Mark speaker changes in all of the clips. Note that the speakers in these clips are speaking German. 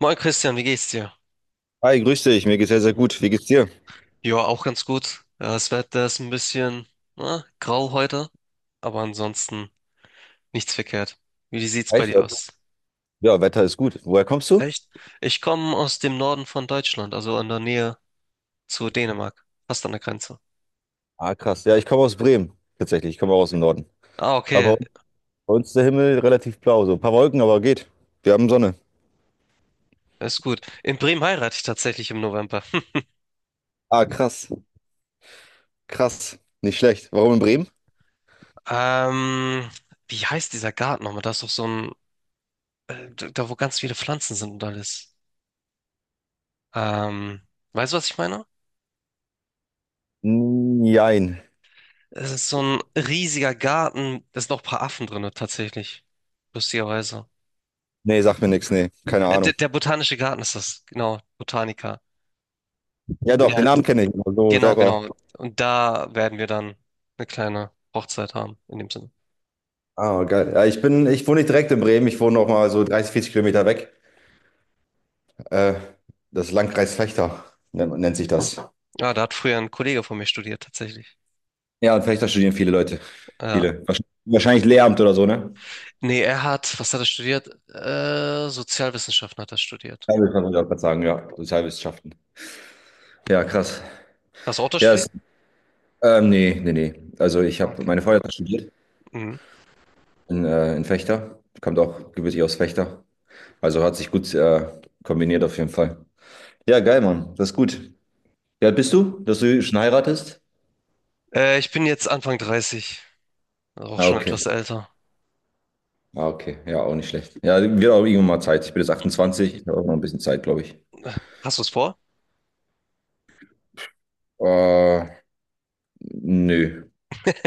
Speaker 1: Moin Christian, wie geht's dir?
Speaker 2: Hi, grüß dich. Mir geht's sehr, sehr gut. Wie geht's dir?
Speaker 1: Ja, auch ganz gut. Das Wetter ist ein bisschen na, grau heute, aber ansonsten nichts verkehrt. Wie sieht's bei
Speaker 2: Echt?
Speaker 1: dir aus?
Speaker 2: Ja, Wetter ist gut. Woher kommst du?
Speaker 1: Echt? Ich komme aus dem Norden von Deutschland, also in der Nähe zu Dänemark, fast an der Grenze.
Speaker 2: Ah, krass. Ja, ich komme aus Bremen. Tatsächlich. Ich komme auch aus dem Norden.
Speaker 1: Ah, okay,
Speaker 2: Aber bei uns ist der Himmel relativ blau. So ein paar Wolken, aber geht. Wir haben Sonne.
Speaker 1: ist gut. In Bremen heirate ich tatsächlich im November.
Speaker 2: Ah, krass. Krass. Nicht schlecht. Warum in Bremen?
Speaker 1: Ähm, Wie heißt dieser Garten nochmal? Da ist doch so ein, da, wo ganz viele Pflanzen sind und alles. Ähm, Weißt du, was ich meine?
Speaker 2: Nein.
Speaker 1: Es ist so ein riesiger Garten. Da sind noch ein paar Affen drin, tatsächlich. Lustigerweise.
Speaker 2: Nee, sagt mir nichts. Nee, keine
Speaker 1: Äh, der,
Speaker 2: Ahnung.
Speaker 1: der botanische Garten ist das, genau. Botanica.
Speaker 2: Ja, doch,
Speaker 1: Ja,
Speaker 2: den Namen kenne ich, aber so
Speaker 1: genau,
Speaker 2: selber.
Speaker 1: genau. Und da werden wir dann eine kleine Hochzeit haben, in dem Sinne.
Speaker 2: Ah, geil. Ja, ich wohne nicht direkt in Bremen. Ich wohne noch mal so 30, 40 Kilometer weg. Äh, Das Landkreis Vechta nennt sich das.
Speaker 1: Ja, da hat früher ein Kollege von mir studiert, tatsächlich.
Speaker 2: Ja, und Fechter studieren viele Leute.
Speaker 1: Ja.
Speaker 2: Viele. Wahrscheinlich Lehramt oder so, ne?
Speaker 1: Nee, er hat, was hat er studiert? Sozialwissenschaften hat er studiert.
Speaker 2: Teilwissenschaft würde ich auch grad sagen, ja. Sozialwissenschaften. Ja, krass.
Speaker 1: Hast du auch das
Speaker 2: Ja,
Speaker 1: studiert?
Speaker 2: nee, nee, nee. Also ich habe
Speaker 1: Okay.
Speaker 2: meine Frau hat studiert
Speaker 1: Mhm.
Speaker 2: in Fechter. Kommt auch gebürtig aus Fechter. Also hat sich gut kombiniert auf jeden Fall. Ja, geil, Mann. Das ist gut. Wie alt bist du, dass du schon heiratest?
Speaker 1: Ich bin jetzt Anfang 30, auch
Speaker 2: Ah,
Speaker 1: schon
Speaker 2: okay.
Speaker 1: etwas älter.
Speaker 2: Ah, okay. Ja, auch nicht schlecht. Ja, wird auch irgendwann mal Zeit. Ich bin jetzt 28. Ich habe auch noch ein bisschen Zeit, glaube ich.
Speaker 1: Hast du es vor?
Speaker 2: Äh, Nö.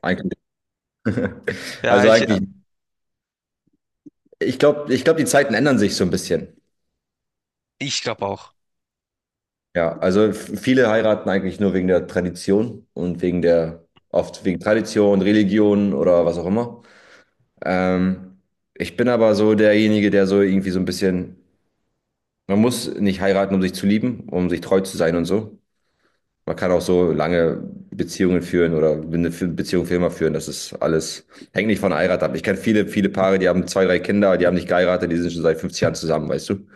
Speaker 2: Eigentlich.
Speaker 1: Ja,
Speaker 2: Also
Speaker 1: ich,
Speaker 2: eigentlich. Ich glaube, die Zeiten ändern sich so ein bisschen.
Speaker 1: ich glaube auch.
Speaker 2: Ja, also viele heiraten eigentlich nur wegen der Tradition und oft wegen Tradition, Religion oder was auch immer. Ähm, Ich bin aber so derjenige, der so irgendwie so ein bisschen, man muss nicht heiraten, um sich zu lieben, um sich treu zu sein und so. Man kann auch so lange Beziehungen führen oder eine Beziehung für immer führen. Das ist alles, hängt nicht von der Heirat ab. Ich kenne viele, viele Paare, die haben zwei, drei Kinder, die haben nicht geheiratet, die sind schon seit 50 Jahren zusammen, weißt du?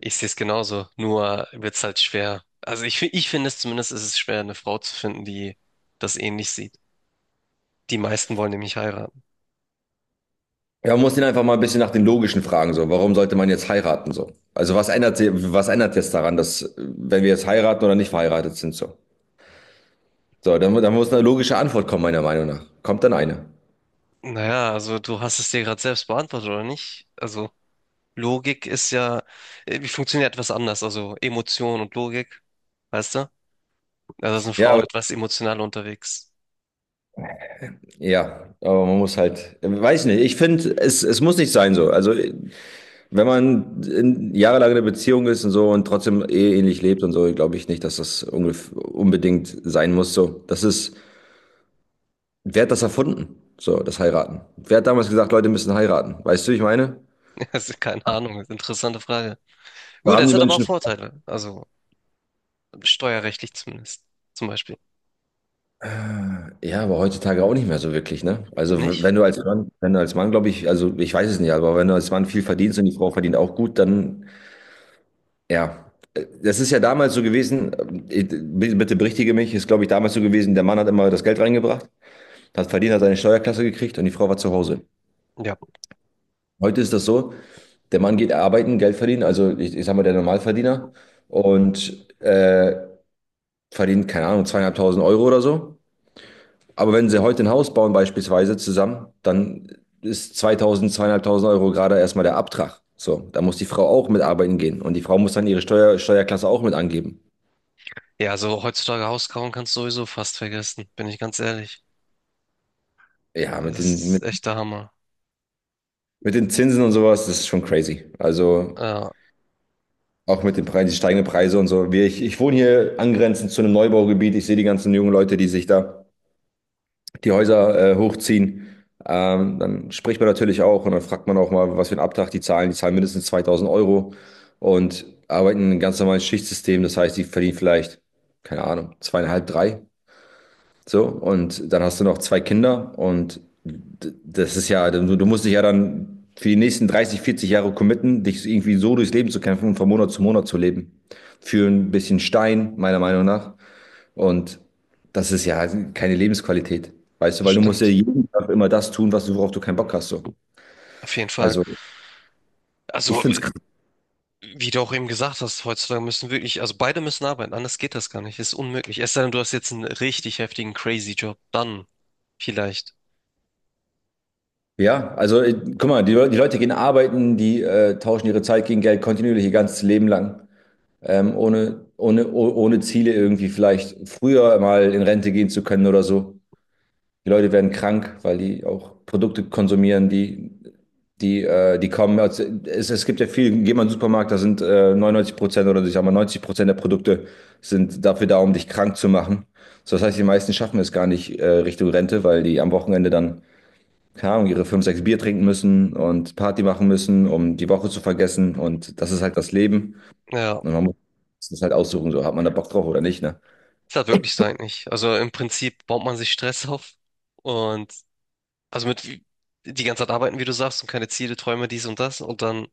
Speaker 1: Ich sehe es genauso, nur wird es halt schwer. Also ich finde es zumindest, ist es schwer, eine Frau zu finden, die das ähnlich sieht. Die meisten wollen nämlich heiraten.
Speaker 2: Ja, man muss ihn einfach mal ein bisschen nach den logischen Fragen so. Warum sollte man jetzt heiraten so? Also was ändert jetzt daran, dass wenn wir jetzt heiraten oder nicht verheiratet sind so? So, dann, dann muss eine logische Antwort kommen, meiner Meinung nach. Kommt dann eine.
Speaker 1: Naja, also du hast es dir gerade selbst beantwortet, oder nicht? Also Logik ist ja, wie funktioniert etwas anders? Also Emotion und Logik, weißt du? Also sind
Speaker 2: Ja,
Speaker 1: Frauen
Speaker 2: aber,
Speaker 1: etwas emotionaler unterwegs.
Speaker 2: ja, aber man muss halt, weiß nicht. Ich finde, es muss nicht sein so. Also wenn man jahrelang in einer Beziehung ist und so und trotzdem eheähnlich lebt und so, glaube ich nicht, dass das unbedingt sein muss so. Das ist, wer hat das erfunden? So, das Heiraten. Wer hat damals gesagt, Leute müssen heiraten? Weißt du, wie ich meine?
Speaker 1: Also keine Ahnung, ist eine interessante Frage.
Speaker 2: Da
Speaker 1: Gut,
Speaker 2: haben
Speaker 1: es
Speaker 2: die
Speaker 1: hat aber auch
Speaker 2: Menschen.
Speaker 1: Vorteile, also steuerrechtlich zumindest, zum Beispiel.
Speaker 2: Ja, aber heutzutage auch nicht mehr so wirklich, ne? Also wenn
Speaker 1: Nicht?
Speaker 2: du als Mann, wenn du als Mann, glaube ich, also ich weiß es nicht, aber wenn du als Mann viel verdienst und die Frau verdient auch gut, dann ja. Das ist ja damals so gewesen, bitte bitte berichtige mich, ist, glaube ich, damals so gewesen, der Mann hat immer das Geld reingebracht, hat verdient, hat seine Steuerklasse gekriegt und die Frau war zu Hause.
Speaker 1: Ja.
Speaker 2: Heute ist das so, der Mann geht arbeiten, Geld verdienen, also ich sag mal der Normalverdiener und verdient, keine Ahnung, 2500 Euro oder so. Aber wenn sie heute ein Haus bauen, beispielsweise zusammen, dann ist 2000, 2500 Euro gerade erstmal der Abtrag. So, da muss die Frau auch mitarbeiten gehen und die Frau muss dann ihre Steuer, Steuerklasse auch mit angeben.
Speaker 1: Ja, also heutzutage Hauskauen kannst du sowieso fast vergessen, bin ich ganz ehrlich.
Speaker 2: Ja, mit
Speaker 1: Das
Speaker 2: den,
Speaker 1: ist
Speaker 2: mit,
Speaker 1: echt der Hammer.
Speaker 2: mit den Zinsen und sowas, das ist schon crazy. Also
Speaker 1: Ja,
Speaker 2: auch mit den Preisen, die steigenden Preise und so. Ich wohne hier angrenzend zu einem Neubaugebiet. Ich sehe die ganzen jungen Leute, die sich da die Häuser hochziehen. Dann spricht man natürlich auch und dann fragt man auch mal, was für einen Abtrag die zahlen. Die zahlen mindestens 2000 Euro und arbeiten in einem ganz normalen Schichtsystem. Das heißt, die verdienen vielleicht, keine Ahnung, zweieinhalb, drei. So, und dann hast du noch zwei Kinder und das ist ja, du musst dich ja dann für die nächsten 30, 40 Jahre committen, dich irgendwie so durchs Leben zu kämpfen und von Monat zu leben. Für ein bisschen Stein, meiner Meinung nach. Und das ist ja keine Lebensqualität, weißt du,
Speaker 1: das
Speaker 2: weil du musst ja
Speaker 1: stimmt.
Speaker 2: jeden Tag immer das tun, was du, worauf du keinen Bock hast. So.
Speaker 1: Auf jeden Fall.
Speaker 2: Also ich
Speaker 1: Also,
Speaker 2: finde es krass.
Speaker 1: wie du auch eben gesagt hast, heutzutage müssen wirklich, also beide müssen arbeiten, anders geht das gar nicht. Ist unmöglich. Es sei denn, du hast jetzt einen richtig heftigen crazy Job, dann vielleicht.
Speaker 2: Ja, also guck mal, die Leute gehen arbeiten, die tauschen ihre Zeit gegen Geld kontinuierlich ihr ganzes Leben lang, ohne Ziele irgendwie vielleicht früher mal in Rente gehen zu können oder so. Die Leute werden krank, weil die auch Produkte konsumieren, die kommen. Es gibt ja viel, geh mal in den Supermarkt, da sind 99% oder ich sag mal 90% der Produkte sind dafür da, um dich krank zu machen. So, das heißt, die meisten schaffen es gar nicht Richtung Rente, weil die am Wochenende dann, keine Ahnung, ihre 5, 6 Bier trinken müssen und Party machen müssen, um die Woche zu vergessen. Und das ist halt das Leben.
Speaker 1: Ja,
Speaker 2: Und man muss das halt aussuchen, so hat man da Bock drauf oder nicht, ne?
Speaker 1: ist halt wirklich so eigentlich. Also im Prinzip baut man sich Stress auf und also mit die ganze Zeit arbeiten, wie du sagst, und keine Ziele, Träume, dies und das und dann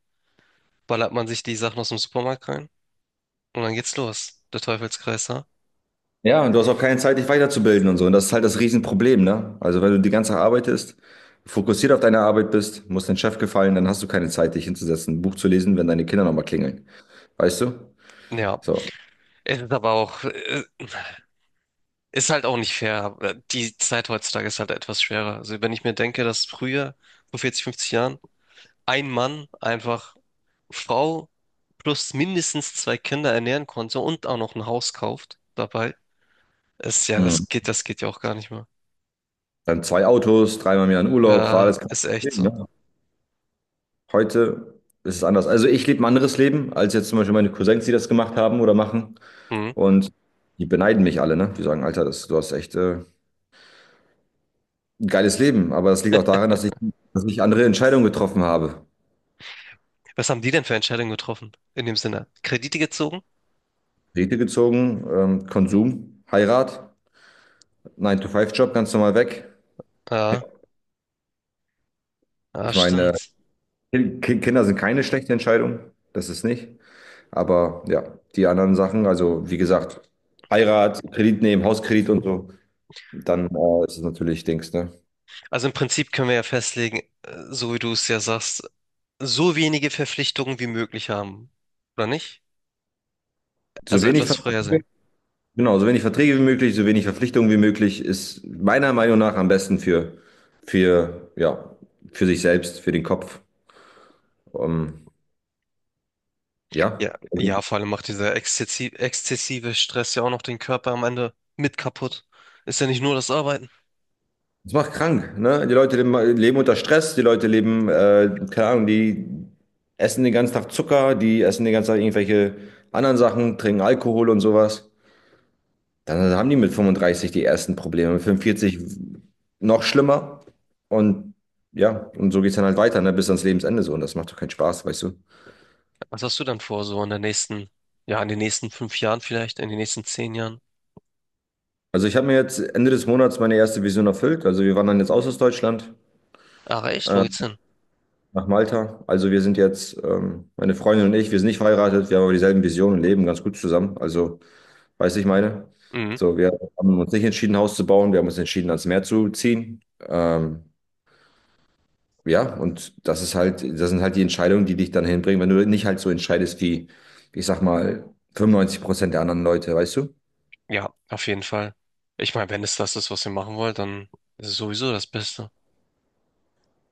Speaker 1: ballert man sich die Sachen aus dem Supermarkt rein. Und dann geht's los, der Teufelskreis, ne?
Speaker 2: Ja, und du hast auch keine Zeit, dich weiterzubilden und so. Und das ist halt das Riesenproblem, ne? Also wenn du die ganze Zeit arbeitest, fokussiert auf deine Arbeit bist, musst deinem Chef gefallen, dann hast du keine Zeit, dich hinzusetzen, ein Buch zu lesen, wenn deine Kinder nochmal klingeln. Weißt du?
Speaker 1: Ja,
Speaker 2: So.
Speaker 1: es ist aber auch, ist halt auch nicht fair. Die Zeit heutzutage ist halt etwas schwerer. Also wenn ich mir denke, dass früher, vor 40, 50 Jahren, ein Mann einfach Frau plus mindestens zwei Kinder ernähren konnte und auch noch ein Haus kauft dabei, ist ja,
Speaker 2: Hm.
Speaker 1: das geht ja auch gar nicht mehr.
Speaker 2: Dann zwei Autos, dreimal im Jahr in Urlaub, war
Speaker 1: Ja,
Speaker 2: alles kein
Speaker 1: ist echt
Speaker 2: Problem,
Speaker 1: so.
Speaker 2: ne? Heute ist es anders. Also ich lebe ein anderes Leben, als jetzt zum Beispiel meine Cousins, die das gemacht haben oder machen.
Speaker 1: Hm.
Speaker 2: Und die beneiden mich alle, ne? Die sagen, Alter, das, du hast echt ein geiles Leben. Aber das liegt auch daran, dass ich andere Entscheidungen getroffen habe.
Speaker 1: Was haben die denn für Entscheidungen getroffen? In dem Sinne, Kredite gezogen?
Speaker 2: Rete gezogen, Konsum, Heirat, Nine to Five job ganz normal weg.
Speaker 1: Ja, ja,
Speaker 2: Ich meine,
Speaker 1: stimmt.
Speaker 2: Kinder sind keine schlechte Entscheidung, das ist nicht. Aber ja, die anderen Sachen, also wie gesagt, Heirat, Kredit nehmen, Hauskredit und so, dann ist es natürlich Dings, ne?
Speaker 1: Also im Prinzip können wir ja festlegen, so wie du es ja sagst, so wenige Verpflichtungen wie möglich haben, oder nicht?
Speaker 2: So
Speaker 1: Also
Speaker 2: wenig,
Speaker 1: etwas
Speaker 2: Ver-
Speaker 1: freier sein.
Speaker 2: genau, so wenig Verträge wie möglich, so wenig Verpflichtungen wie möglich ist meiner Meinung nach am besten ja, für sich selbst, für den Kopf. Ähm,
Speaker 1: Ja,
Speaker 2: ja, also
Speaker 1: ja, vor allem macht dieser exzessive Stress ja auch noch den Körper am Ende mit kaputt. Ist ja nicht nur das Arbeiten.
Speaker 2: das macht krank, ne? Die Leute leben, leben unter Stress, die Leute leben, keine Ahnung, die essen den ganzen Tag Zucker, die essen den ganzen Tag irgendwelche anderen Sachen, trinken Alkohol und sowas. Dann haben die mit 35 die ersten Probleme, mit 45 noch schlimmer. Und ja, und so geht's dann halt weiter, ne? Bis ans Lebensende so. Und das macht doch keinen Spaß, weißt du?
Speaker 1: Was hast du dann vor, so in der nächsten, ja, in den nächsten 5 Jahren vielleicht, in den nächsten 10 Jahren?
Speaker 2: Also ich habe mir jetzt Ende des Monats meine erste Vision erfüllt. Also wir waren dann jetzt aus Deutschland.
Speaker 1: Ach echt, wo geht's hin?
Speaker 2: nach Malta. Also wir sind jetzt, meine Freundin und ich, wir sind nicht verheiratet, wir haben aber dieselben Visionen und leben ganz gut zusammen. Also, weißt du, ich meine?
Speaker 1: Mhm.
Speaker 2: So, wir haben uns nicht entschieden, ein Haus zu bauen, wir haben uns entschieden, ans Meer zu ziehen. Ja, und das ist halt, das sind halt die Entscheidungen, die dich dann hinbringen, wenn du nicht halt so entscheidest wie, ich sag mal, 95% der anderen Leute, weißt du?
Speaker 1: Ja, auf jeden Fall. Ich meine, wenn es das ist, was ihr machen wollt, dann ist es sowieso das Beste.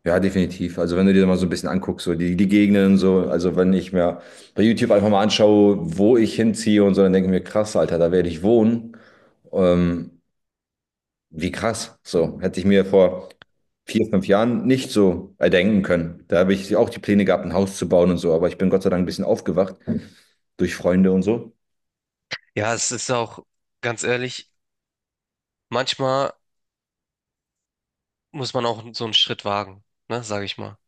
Speaker 2: Ja, definitiv. Also wenn du dir mal so ein bisschen anguckst, so die, die Gegenden und so, also wenn ich mir bei YouTube einfach mal anschaue, wo ich hinziehe und so, dann denke ich mir, krass, Alter, da werde ich wohnen. Ähm, Wie krass. So, hätte ich mir vor 4, 5 Jahren nicht so erdenken können. Da habe ich auch die Pläne gehabt, ein Haus zu bauen und so, aber ich bin Gott sei Dank ein bisschen aufgewacht durch Freunde und so.
Speaker 1: Ja, es ist auch, ganz ehrlich, manchmal muss man auch so einen Schritt wagen, ne, sage ich mal,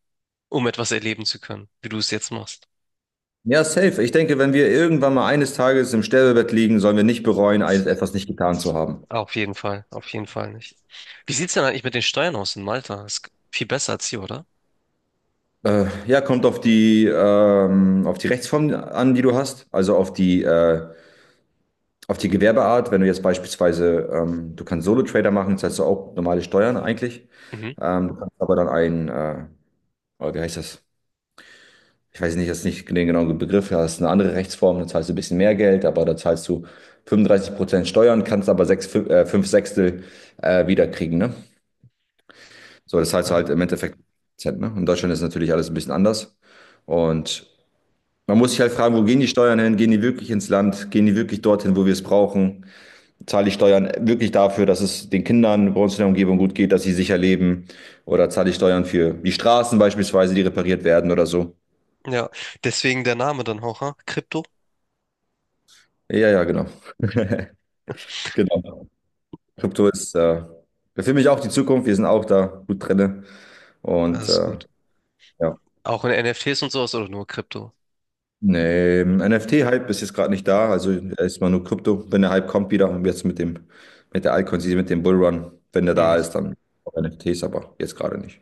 Speaker 1: um etwas erleben zu können, wie du es jetzt machst.
Speaker 2: Ja, safe. Ich denke, wenn wir irgendwann mal eines Tages im Sterbebett liegen, sollen wir nicht bereuen, etwas nicht getan zu
Speaker 1: Das-
Speaker 2: haben.
Speaker 1: Auf jeden Fall nicht. Wie sieht's denn eigentlich mit den Steuern aus in Malta? Ist viel besser als hier, oder?
Speaker 2: Ja, kommt auf die Rechtsform an, die du hast, also auf die Gewerbeart. Wenn du jetzt beispielsweise, du kannst Solo-Trader machen, zahlst du auch normale Steuern eigentlich.
Speaker 1: Mhm.
Speaker 2: Du kannst aber dann einen, oh, wie heißt das? Ich weiß nicht, jetzt ist nicht den genauen Begriff, da hast du eine andere Rechtsform, dann zahlst du ein bisschen mehr Geld, aber da zahlst du 35% Steuern, kannst aber sechs, fünf Sechstel wiederkriegen, ne? So, das heißt
Speaker 1: Ah,
Speaker 2: halt im Endeffekt, ne? In Deutschland ist natürlich alles ein bisschen anders. Und man muss sich halt fragen, wo gehen die Steuern hin? Gehen die wirklich ins Land? Gehen die wirklich dorthin, wo wir es brauchen? Zahle ich Steuern wirklich dafür, dass es den Kindern bei uns in der Umgebung gut geht, dass sie sicher leben? Oder zahle ich Steuern für die Straßen beispielsweise, die repariert werden oder so?
Speaker 1: Ja, deswegen der Name dann auch, ha? Krypto?
Speaker 2: Ja, ja, genau. Genau. Krypto ist für mich auch die Zukunft. Wir sind auch da gut drinne.
Speaker 1: Das
Speaker 2: Und
Speaker 1: ist gut.
Speaker 2: ja.
Speaker 1: Auch in NFTs und sowas oder nur Krypto?
Speaker 2: Nee, NFT-Hype ist jetzt gerade nicht da, also erstmal nur Krypto. Wenn der Hype kommt wieder, und jetzt mit der Altcoin, mit dem Bullrun, wenn der
Speaker 1: Hm.
Speaker 2: da ist, dann auch NFTs, aber jetzt gerade nicht.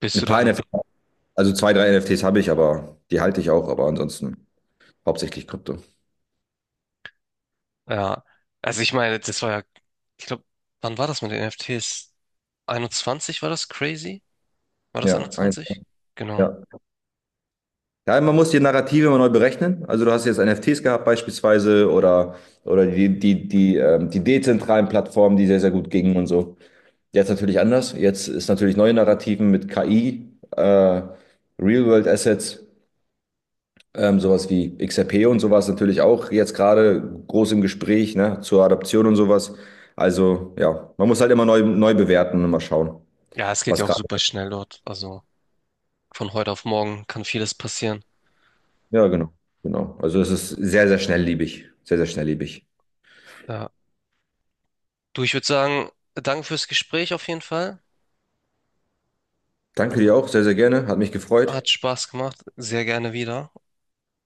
Speaker 1: Bist
Speaker 2: Ein
Speaker 1: du dann,
Speaker 2: paar NFTs, also zwei, drei NFTs habe ich, aber die halte ich auch, aber ansonsten hauptsächlich Krypto.
Speaker 1: ja. Also ich meine, das war ja, ich glaube, wann war das mit den NFTs? 21 war das crazy? War das
Speaker 2: Ja,
Speaker 1: 21? Genau.
Speaker 2: ja. Ja, man muss die Narrative immer neu berechnen. Also du hast jetzt NFTs gehabt beispielsweise oder, oder die dezentralen Plattformen, die sehr, sehr gut gingen und so. Jetzt natürlich anders. Jetzt ist natürlich neue Narrativen mit KI, Real-World-Assets, sowas wie XRP und sowas natürlich auch jetzt gerade groß im Gespräch, ne, zur Adaption und sowas. Also ja, man muss halt immer neu bewerten und mal schauen,
Speaker 1: Ja, es geht ja
Speaker 2: was
Speaker 1: auch
Speaker 2: gerade.
Speaker 1: super schnell dort. Also. Von heute auf morgen kann vieles passieren.
Speaker 2: Ja, genau, genau. Also es ist sehr, sehr schnelllebig. Sehr, sehr schnelllebig.
Speaker 1: Ja. Du, ich würde sagen, danke fürs Gespräch auf jeden Fall.
Speaker 2: Danke dir auch, sehr, sehr gerne. Hat mich gefreut.
Speaker 1: Hat Spaß gemacht. Sehr gerne wieder.